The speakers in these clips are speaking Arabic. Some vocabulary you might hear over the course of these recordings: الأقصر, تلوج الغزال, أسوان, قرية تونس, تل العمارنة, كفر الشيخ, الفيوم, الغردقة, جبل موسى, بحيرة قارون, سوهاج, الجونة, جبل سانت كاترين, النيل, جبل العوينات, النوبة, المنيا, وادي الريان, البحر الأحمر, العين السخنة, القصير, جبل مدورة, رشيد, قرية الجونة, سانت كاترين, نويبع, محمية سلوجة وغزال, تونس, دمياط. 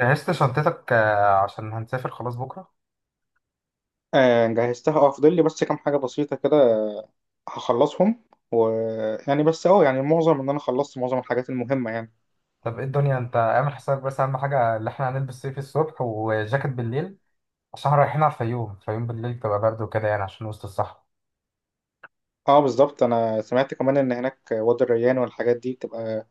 جهزت شنطتك آه، عشان هنسافر خلاص بكرة. آه، جهزتها فاضل لي بس كام حاجة بسيطة كده. هخلصهم و، يعني بس يعني معظم ان انا خلصت معظم الحاجات المهمة يعني. طب ايه الدنيا، انت اعمل حسابك بس اهم حاجة اللي احنا هنلبس صيفي الصبح وجاكيت بالليل، عشان احنا رايحين على الفيوم. الفيوم بالليل تبقى برد وكده يعني، عشان وسط الصحراء. اه، بالظبط انا سمعت كمان ان هناك وادي الريان، والحاجات دي بتبقى،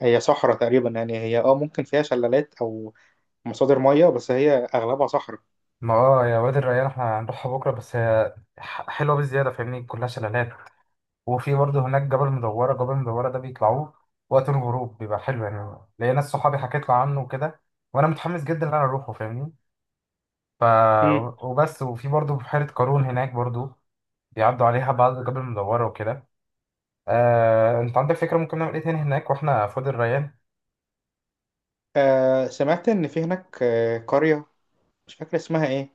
هي صحراء تقريبا يعني، هي ممكن فيها شلالات او مصادر مياه، بس هي اغلبها صحراء. ما اه يا وادي الريان احنا هنروحها بكرة، بس هي حلوة بزيادة، فاهمني؟ كلها شلالات، وفي برضه هناك جبل مدورة. جبل مدورة ده بيطلعوه وقت الغروب، بيبقى حلو يعني. ليا ناس صحابي حكيت له عنه وكده، وانا متحمس جدا ان انا اروحه، فاهمني؟ ف امم. وبس. وفي برضه بحيرة قارون هناك برضه، بيعدوا عليها بعض، الجبل المدورة وكده. آه، انت عندك فكرة ممكن نعمل ايه تاني هناك واحنا في وادي الريان؟ سمعت ان في هناك قرية، مش فاكر اسمها ايه.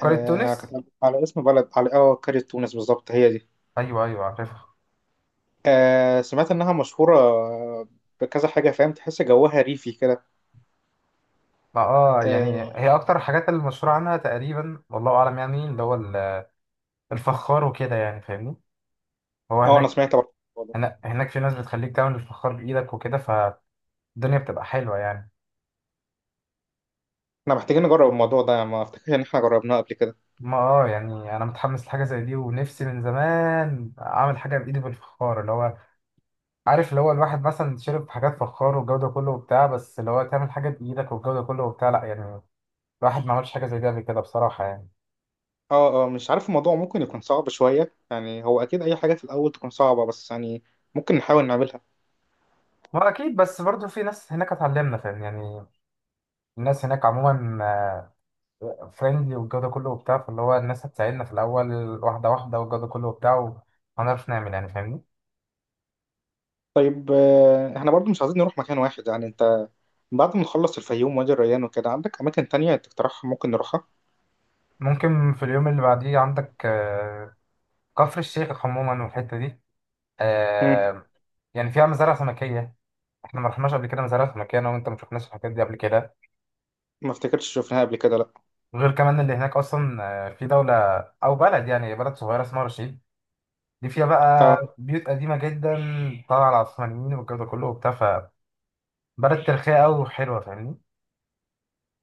قرية تونس، كانت على اسم بلد، على قرية تونس بالظبط، هي دي. ايوه ايوه عارفها. سمعت انها مشهورة بكذا حاجة، فاهم؟ تحس جوها ريفي كده. ما اه يعني اه. هي اكتر الحاجات اللي مشهورة عنها تقريبا والله اعلم، يعني اللي هو الفخار وكده يعني، فاهمني؟ هو آه، انا هناك سمعت برضه الموضوع ده. هناك في ناس بتخليك تعمل الفخار بايدك وكده، فالدنيا بتبقى حلوة يعني. احنا محتاجين نجرب الموضوع ده، ما افتكرش ان احنا جربناه قبل كده. ما اه يعني انا متحمس لحاجة زي دي، ونفسي من زمان اعمل حاجة بايدي بالفخار، اللي هو عارف اللي هو الواحد مثلا شرب حاجات فخار والجودة كله وبتاع، بس اللي هو تعمل حاجة بإيدك والجودة كله وبتاع، لا يعني الواحد ما عملش حاجة زي دي قبل كده بصراحة يعني. اه، اه، مش عارف الموضوع ممكن يكون صعب شوية يعني، هو اكيد اي حاجة في الاول تكون صعبة، بس يعني ممكن نحاول نعملها. هو أكيد، بس برضه في ناس هناك هتعلمنا، فاهم يعني؟ الناس هناك عموما فريندلي والجودة كله وبتاع، فاللي هو الناس هتساعدنا في الأول واحدة واحدة والجودة كله وبتاع، وهنعرف نعمل يعني، فاهمني؟ طيب، احنا برضو مش عايزين نروح مكان واحد، يعني انت، بعد ما نخلص الفيوم وادي الريان وكده، عندك اماكن تانية تقترحها ممكن نروحها؟ ممكن في اليوم اللي بعديه عندك، آه، كفر الشيخ عموما والحتة دي. مم. آه، يعني فيها مزارع سمكية. احنا ما رحناش قبل كده مزارع سمكية، أنا وأنت ما شفناش الحاجات دي قبل كده. ما افتكرتش شفناها قبل كده، لا. وغير كمان اللي هناك اصلا، آه، في دولة او بلد، يعني بلد صغيرة اسمها رشيد. دي فيها اه. بقى بيوت قديمة جدا طالعة على العثمانيين والجو ده كله وبتاع، فبلد تاريخية قوي وحلوة، فاهمني؟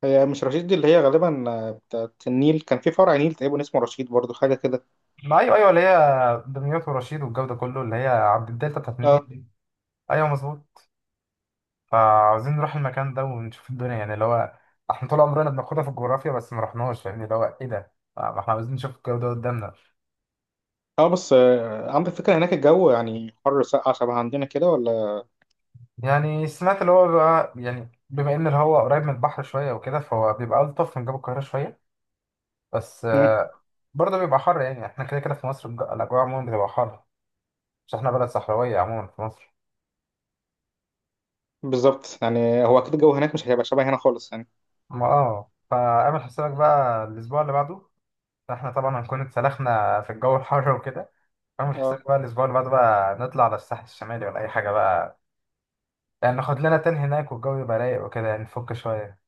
هي مش رشيد دي اللي هي غالبا بتاعت النيل؟ كان في فرع نيل تقريبا اسمه رشيد برضو حاجة كده. ما ايوه ايوه، اللي هي دمياط ورشيد والجو ده كله، اللي هي عبد الدلتا بتاعت النيل اه. دي. ايوه مظبوط. فعاوزين نروح المكان ده ونشوف الدنيا يعني، اللي هو احنا طول عمرنا بناخدها في الجغرافيا بس ما رحناش، فاهمني؟ اللي هو ايه ده، آه، ما احنا عاوزين نشوف الجو ده قدامنا. اه، بس عندك فكرة هناك الجو يعني حر ساقع شبه عندنا كده، ولا؟ يعني سمعت اللي هو بقى، يعني بما ان الهواء قريب من البحر شويه وكده، فهو بيبقى الطف من جو القاهره شويه. بس مم. آه، برضه بيبقى حر يعني. احنا كده كده في مصر الاجواء عموما بتبقى حر. مش احنا بلد صحراويه عموما في مصر. بالظبط، يعني هو أكيد الجو هناك مش هيبقى شبه هنا خالص يعني. ما اه فاعمل حسابك بقى الاسبوع اللي بعده، احنا طبعا هنكون اتسلخنا في الجو الحر وكده. اعمل اه، حسابك بقى الاسبوع اللي بعده بقى نطلع على الساحل الشمالي ولا اي حاجه بقى. يعني ناخد لنا تن هناك والجو يبقى رايق وكده يعني، نفك شويه.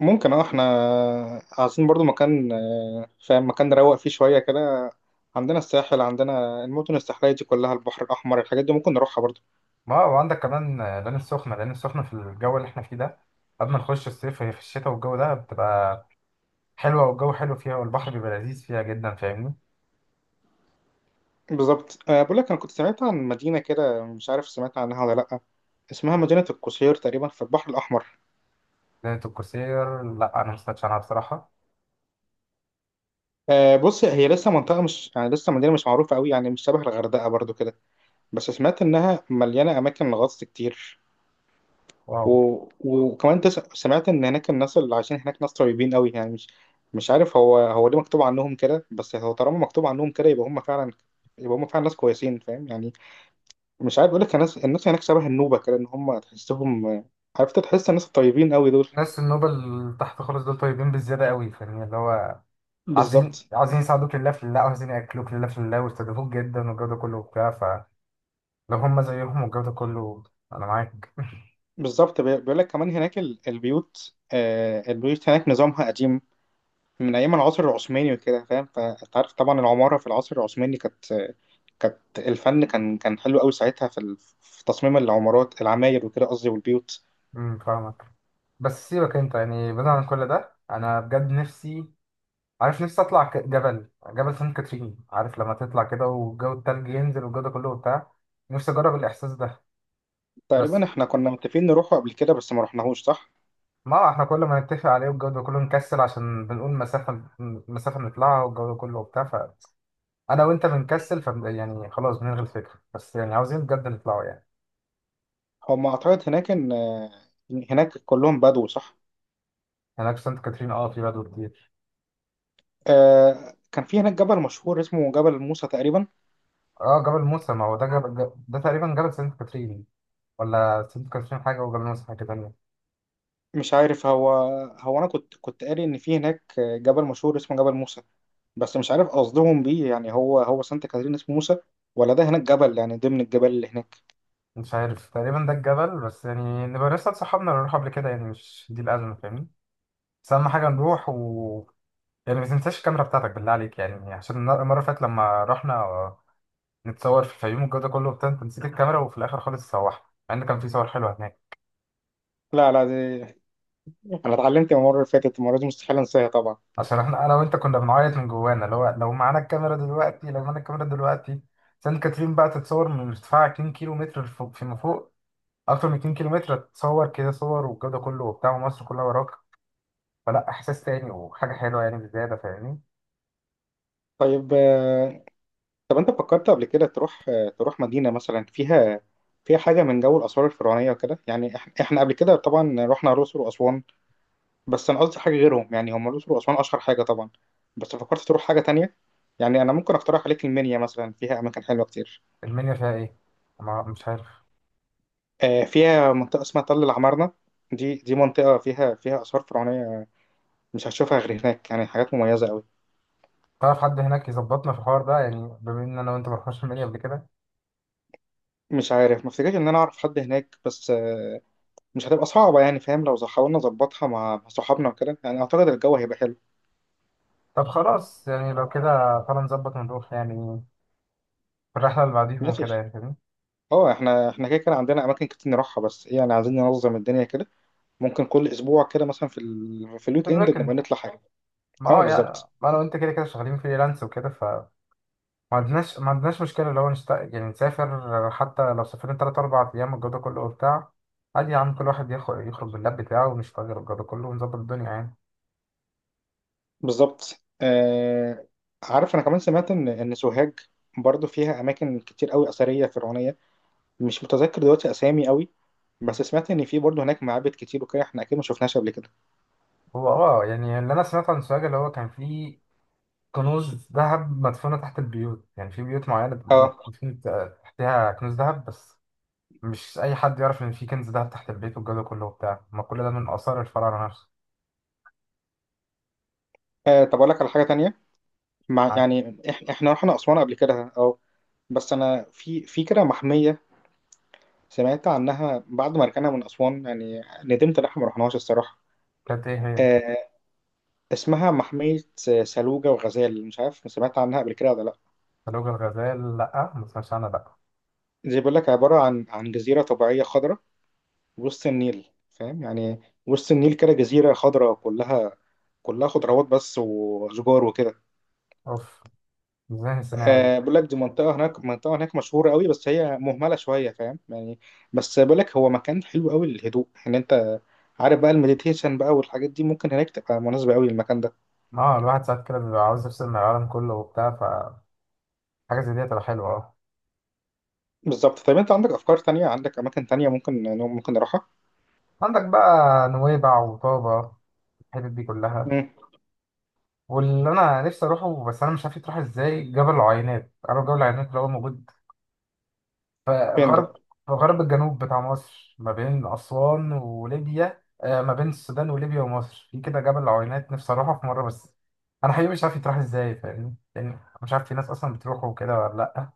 ممكن احنا عايزين برضو مكان، فاهم؟ مكان نروق فيه شوية كده. عندنا الساحل، عندنا المدن الساحلية دي كلها، البحر الأحمر، الحاجات دي ممكن نروحها برضو. ما هو عندك كمان العين السخنة. العين السخنة في الجو اللي احنا فيه ده، قبل ما نخش الصيف، هي في الشتاء والجو ده بتبقى حلوة، والجو حلو فيها والبحر بيبقى لذيذ فيها جدا، فاهمني؟ بالظبط، بقول لك أنا كنت سمعت عن مدينة كده، مش عارف سمعت عنها ولا لأ. اسمها مدينة القصير تقريبا في البحر الأحمر. ليلة القصير، لا أنا مستمتعش عنها بصراحة. آه، بص، هي لسه منطقة، مش يعني لسه مدينة مش معروفة قوي يعني، مش شبه الغردقة برضو كده. بس سمعت انها مليانه اماكن غطس كتير. واو. و... وكمان سمعت ان هناك الناس اللي عايشين هناك ناس طيبين قوي، يعني مش، مش عارف، هو ليه مكتوب عنهم كده، بس هو طالما مكتوب عنهم كده يبقى هم فعلا ناس كويسين، فاهم يعني. مش عارف اقول لك، الناس هناك شبه النوبه كده، ان هم تحسهم، عرفت تحس الناس الطيبين قوي دول. ناس النوبة اللي تحت خالص دول طيبين بالزيادة قوي، فاهمني؟ اللي هو عايزين، بالظبط. عايزين يساعدوك لله في الله، وعايزين يأكلوك لله في الله ويستضيفوك جدا والجو ده كله وبتاع، فلو هم زيهم والجو ده كله، أنا معاك. بالظبط، بيقول لك كمان هناك البيوت هناك نظامها قديم، من ايام العصر العثماني وكده، فاهم؟ فانت عارف طبعا العماره في العصر العثماني كانت، الفن كان حلو قوي ساعتها في في تصميم العماير وكده، قصدي، والبيوت. فاهمك. بس سيبك أنت، يعني بعيد عن كل ده أنا بجد نفسي، عارف نفسي اطلع جبل، جبل سانت كاترين. عارف لما تطلع كده والجو التلج ينزل والجو ده كله وبتاع، نفسي اجرب الاحساس ده. تقريبا بس احنا كنا متفقين نروحوا قبل كده، بس ما رحناهوش، صح؟ ما احنا كل ما نتفق عليه والجو ده كله نكسل، عشان بنقول مسافة، نطلعها والجو ده كله وبتاع، فانا وانت بنكسل، يعني خلاص بنلغي الفكرة، بس يعني عاوزين بجد نطلعه يعني. هم اعتقد هناك ان، هناك كلهم بدو، صح؟ هناك في سانت كاترين اه في بدو كتير. كان في هناك جبل مشهور اسمه جبل موسى تقريبا. اه، جبل موسى، ما هو ده جبل، ده تقريبا جبل سانت كاترين، ولا سانت كاترين حاجة وجبل موسى حاجة تانية؟ مش عارف هو. هو انا كنت قاري ان في هناك جبل مشهور اسمه جبل موسى، بس مش عارف قصدهم بيه، يعني هو سانت كاترين اسمه موسى، ولا ده هناك جبل يعني ضمن الجبال اللي هناك؟ مش عارف، تقريبا ده الجبل. بس يعني نبقى لسه اتصحابنا اللي نروح قبل كده يعني، مش دي الأزمة، فاهمني؟ بس أهم حاجة نروح. يعني ما تنساش الكاميرا بتاعتك بالله عليك، يعني عشان المرة اللي فاتت لما رحنا نتصور في الفيوم والجو ده كله وبتاع أنت نسيت الكاميرا، وفي الآخر خالص تسوحنا، مع إن كان في صور حلوة هناك. لا، لا، انا اتعلمت المره اللي فاتت، المره دي مستحيل انساها طبعا. عشان احنا أنا وأنت كنا بنعيط من جوانا، اللي هو لو معانا الكاميرا دلوقتي، لو معانا الكاميرا دلوقتي، سانت كاترين بقى تتصور من ارتفاع 2 كيلو متر فوق، فيما فوق أكتر من 2 كيلو متر، تتصور كده صور والجو ده كله وبتاع ومصر كلها وراك. فلا، احساس تاني وحاجه حلوه يعني بزياده، فاهمني؟ طيب، آه، طب انت فكرت قبل كده تروح، مدينة مثلا فيها، فيها حاجة من جو الآثار الفرعونية وكده، يعني إحنا قبل كده طبعا رحنا الأقصر وأسوان. بس أنا قصدي حاجة غيرهم، يعني هم الأقصر وأسوان أشهر حاجة طبعا. بس فكرت تروح حاجة تانية؟ يعني أنا ممكن أقترح عليك المنيا مثلا، فيها أماكن حلوة كتير. المنيا فيها ايه؟ ما مش عارف. آه، فيها منطقة اسمها تل العمارنة. دي منطقة فيها آثار فرعونية، مش هتشوفها غير هناك، يعني حاجات مميزة أوي. تعرف حد هناك يظبطنا في الحوار ده؟ يعني بما ان انا وانت ما رحناش المنيا قبل كده. مش عارف، ما افتكرش إن أنا أعرف حد هناك، بس مش هتبقى صعبة، يعني فاهم؟ لو حاولنا نظبطها مع صحابنا وكده، يعني أعتقد الجو هيبقى حلو. طب خلاص، يعني لو كده تعالى نظبط ونروح يعني، في الرحله اللي بعديهم وكده ماشي. يعني، فاهمني؟ اه، احنا كده كده عندنا أماكن كتير نروحها، بس ايه يعني، عايزين ننظم الدنيا كده، ممكن كل أسبوع كده مثلا في في في الويك إند نبقى الويكند؟ نطلع حاجة. ما اه، هو يعني بالظبط، ما انا وانت كده كده شغالين فريلانس وكده، فما عندناش، ما عندناش مشكله لو نشت... يعني نسافر، حتى لو سافرنا تلات أربع ايام الجو ده كله وبتاع، عادي يا عم. كل واحد ياخد يخرج باللاب بتاعه ونشتغل الجو ده كله ونظبط الدنيا يعني. بالظبط، آه. عارف، أنا كمان سمعت إن سوهاج برضو فيها أماكن كتير أوي أثرية فرعونية، مش متذكر دلوقتي أسامي أوي، بس سمعت إن في برضو هناك معابد كتير وكده، احنا أكيد ما شفناهاش قبل كده. هو اه يعني اللي انا سمعته عن سوهاج، اللي هو كان فيه كنوز ذهب مدفونة تحت البيوت، يعني في بيوت معينة اه. مدفون تحتها كنوز ذهب. بس مش أي حد يعرف إن في كنز ذهب تحت البيت والجو ده كله وبتاع، ما كل ده من آثار الفراعنة نفسه. آه، طب أقول لك على حاجة تانية، عادي. يعني احنا رحنا أسوان قبل كده، اه. بس انا في كده محميه، سمعت عنها بعد ما رجعنا من اسوان، يعني ندمت ان احنا ما رحناهاش الصراحه. كانت إيه هي؟ آه. اسمها محميه سلوجه وغزال، مش عارف سمعت عنها قبل كده ولا لا؟ تلوج الغزال، لأ ما سمعتش عنها لأ. زي بيقول لك عباره عن جزيره طبيعيه خضراء وسط النيل، فاهم يعني، وسط النيل كده جزيره خضراء كلها خضروات بس وشجار وكده. أوف، إزاي نسيناها دي؟ آه، بقول لك دي منطقة هناك مشهورة قوي، بس هي مهملة شوية، فاهم يعني، بس بقول لك هو مكان حلو قوي للهدوء، ان انت عارف بقى المديتيشن بقى والحاجات دي، ممكن هناك تبقى مناسبة قوي للمكان ده. ما هو الواحد ساعات كده بيبقى عاوز يفصل من العالم كله وبتاع، فحاجة زي دي هتبقى حلوة أه. بالظبط. طيب انت عندك افكار تانية، عندك اماكن تانية ممكن نروحها؟ عندك بقى نويبع وطابة، الحتت دي كلها. مم. واللي انا نفسي اروحه بس انا مش عارف يتروح ازاي، جبل العوينات. عارف جبل العوينات اللي هو موجود في فين ده؟ غرب، الجنوب بتاع مصر، ما بين اسوان وليبيا، آه، ما بين السودان وليبيا ومصر، في كده جبل العوينات. نفسي اروحه في مره، بس انا حقيقي مش عارف يتروح ازاي، فاهمني يعني؟ أنا مش عارف في ناس اصلا بتروحه وكده ولا لا.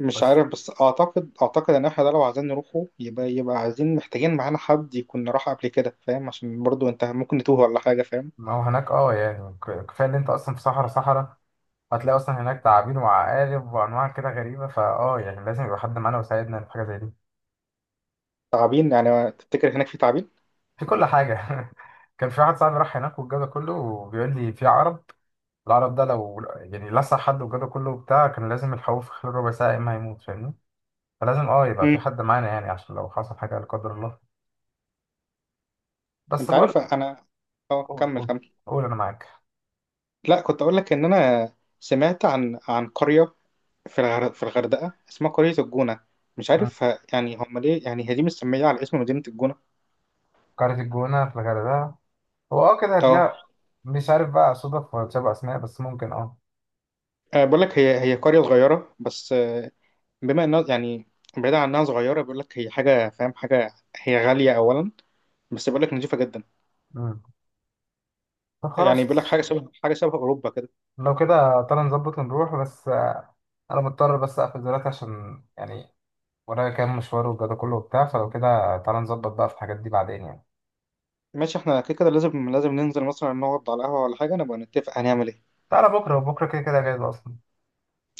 مش بس عارف، بس اعتقد ان احنا ده لو عايزين نروحه يبقى محتاجين معانا حد يكون راح قبل كده، فاهم؟ عشان برضو انت ممكن نتوه ولا حاجة، فاهم؟ ما هو هناك اه يعني كفايه ان انت اصلا في صحراء. هتلاقي اصلا هناك تعابين وعقارب وانواع كده غريبه، فاه يعني لازم يبقى حد معانا ويساعدنا في حاجه زي دي. تعابين؟ يعني تفتكر هناك في تعابين؟ في كل حاجة. كان في واحد صاحبي راح هناك والجو ده كله وبيقول لي في عرب. العرب ده لو يعني لسع حد والجو ده كله بتاع، كان لازم يلحقوه في خلال ربع ساعة يا إما هيموت، فاهمني؟ فلازم اه يبقى في مم. حد معانا، يعني عشان لو حصل حاجة لا قدر الله. بس انت بقول. عارف انا، اه، قول كمل، قول كمل. قول، أنا معاك. لا، كنت اقول لك ان انا، سمعت عن قريه، في الغردقه اسمها قريه الجونه، مش مم. عارف يعني هم ليه، يعني هي دي مستميه على اسم مدينه الجونه. قرية الجونة في الغردقة، هو اه كده اه. هتلاقي، مش عارف بقى صدف ولا تشابه أسماء، بس ممكن اه. آه، بقول لك هي قريه صغيره، بس، بما انها يعني، بعيدا عن انها صغيره، بيقول لك هي حاجه، فاهم؟ حاجه هي غاليه اولا، بس بيقول لك نظيفه جدا. مم. طب يعني بيقول لك خلاص، حاجه شبه اوروبا كده. لو كده تعالى نظبط ونروح. بس أنا مضطر بس أقفل دلوقتي عشان يعني ورايا كام مشوار وكده كله وبتاع، فلو كده تعالى نظبط بقى في الحاجات دي بعدين يعني. ماشي، احنا كده كده لازم ننزل مثلا، نقعد على قهوه ولا حاجه نبقى نتفق هنعمل ايه. تعالى بكرة، بكرة كده كده جاهز أصلا.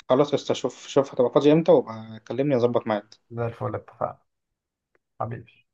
خلاص، قشطة، شوف، شوف هتبقى فاضي امتى وابقى كلمني اظبط معاك. زي الفل، اتفقنا حبيبي.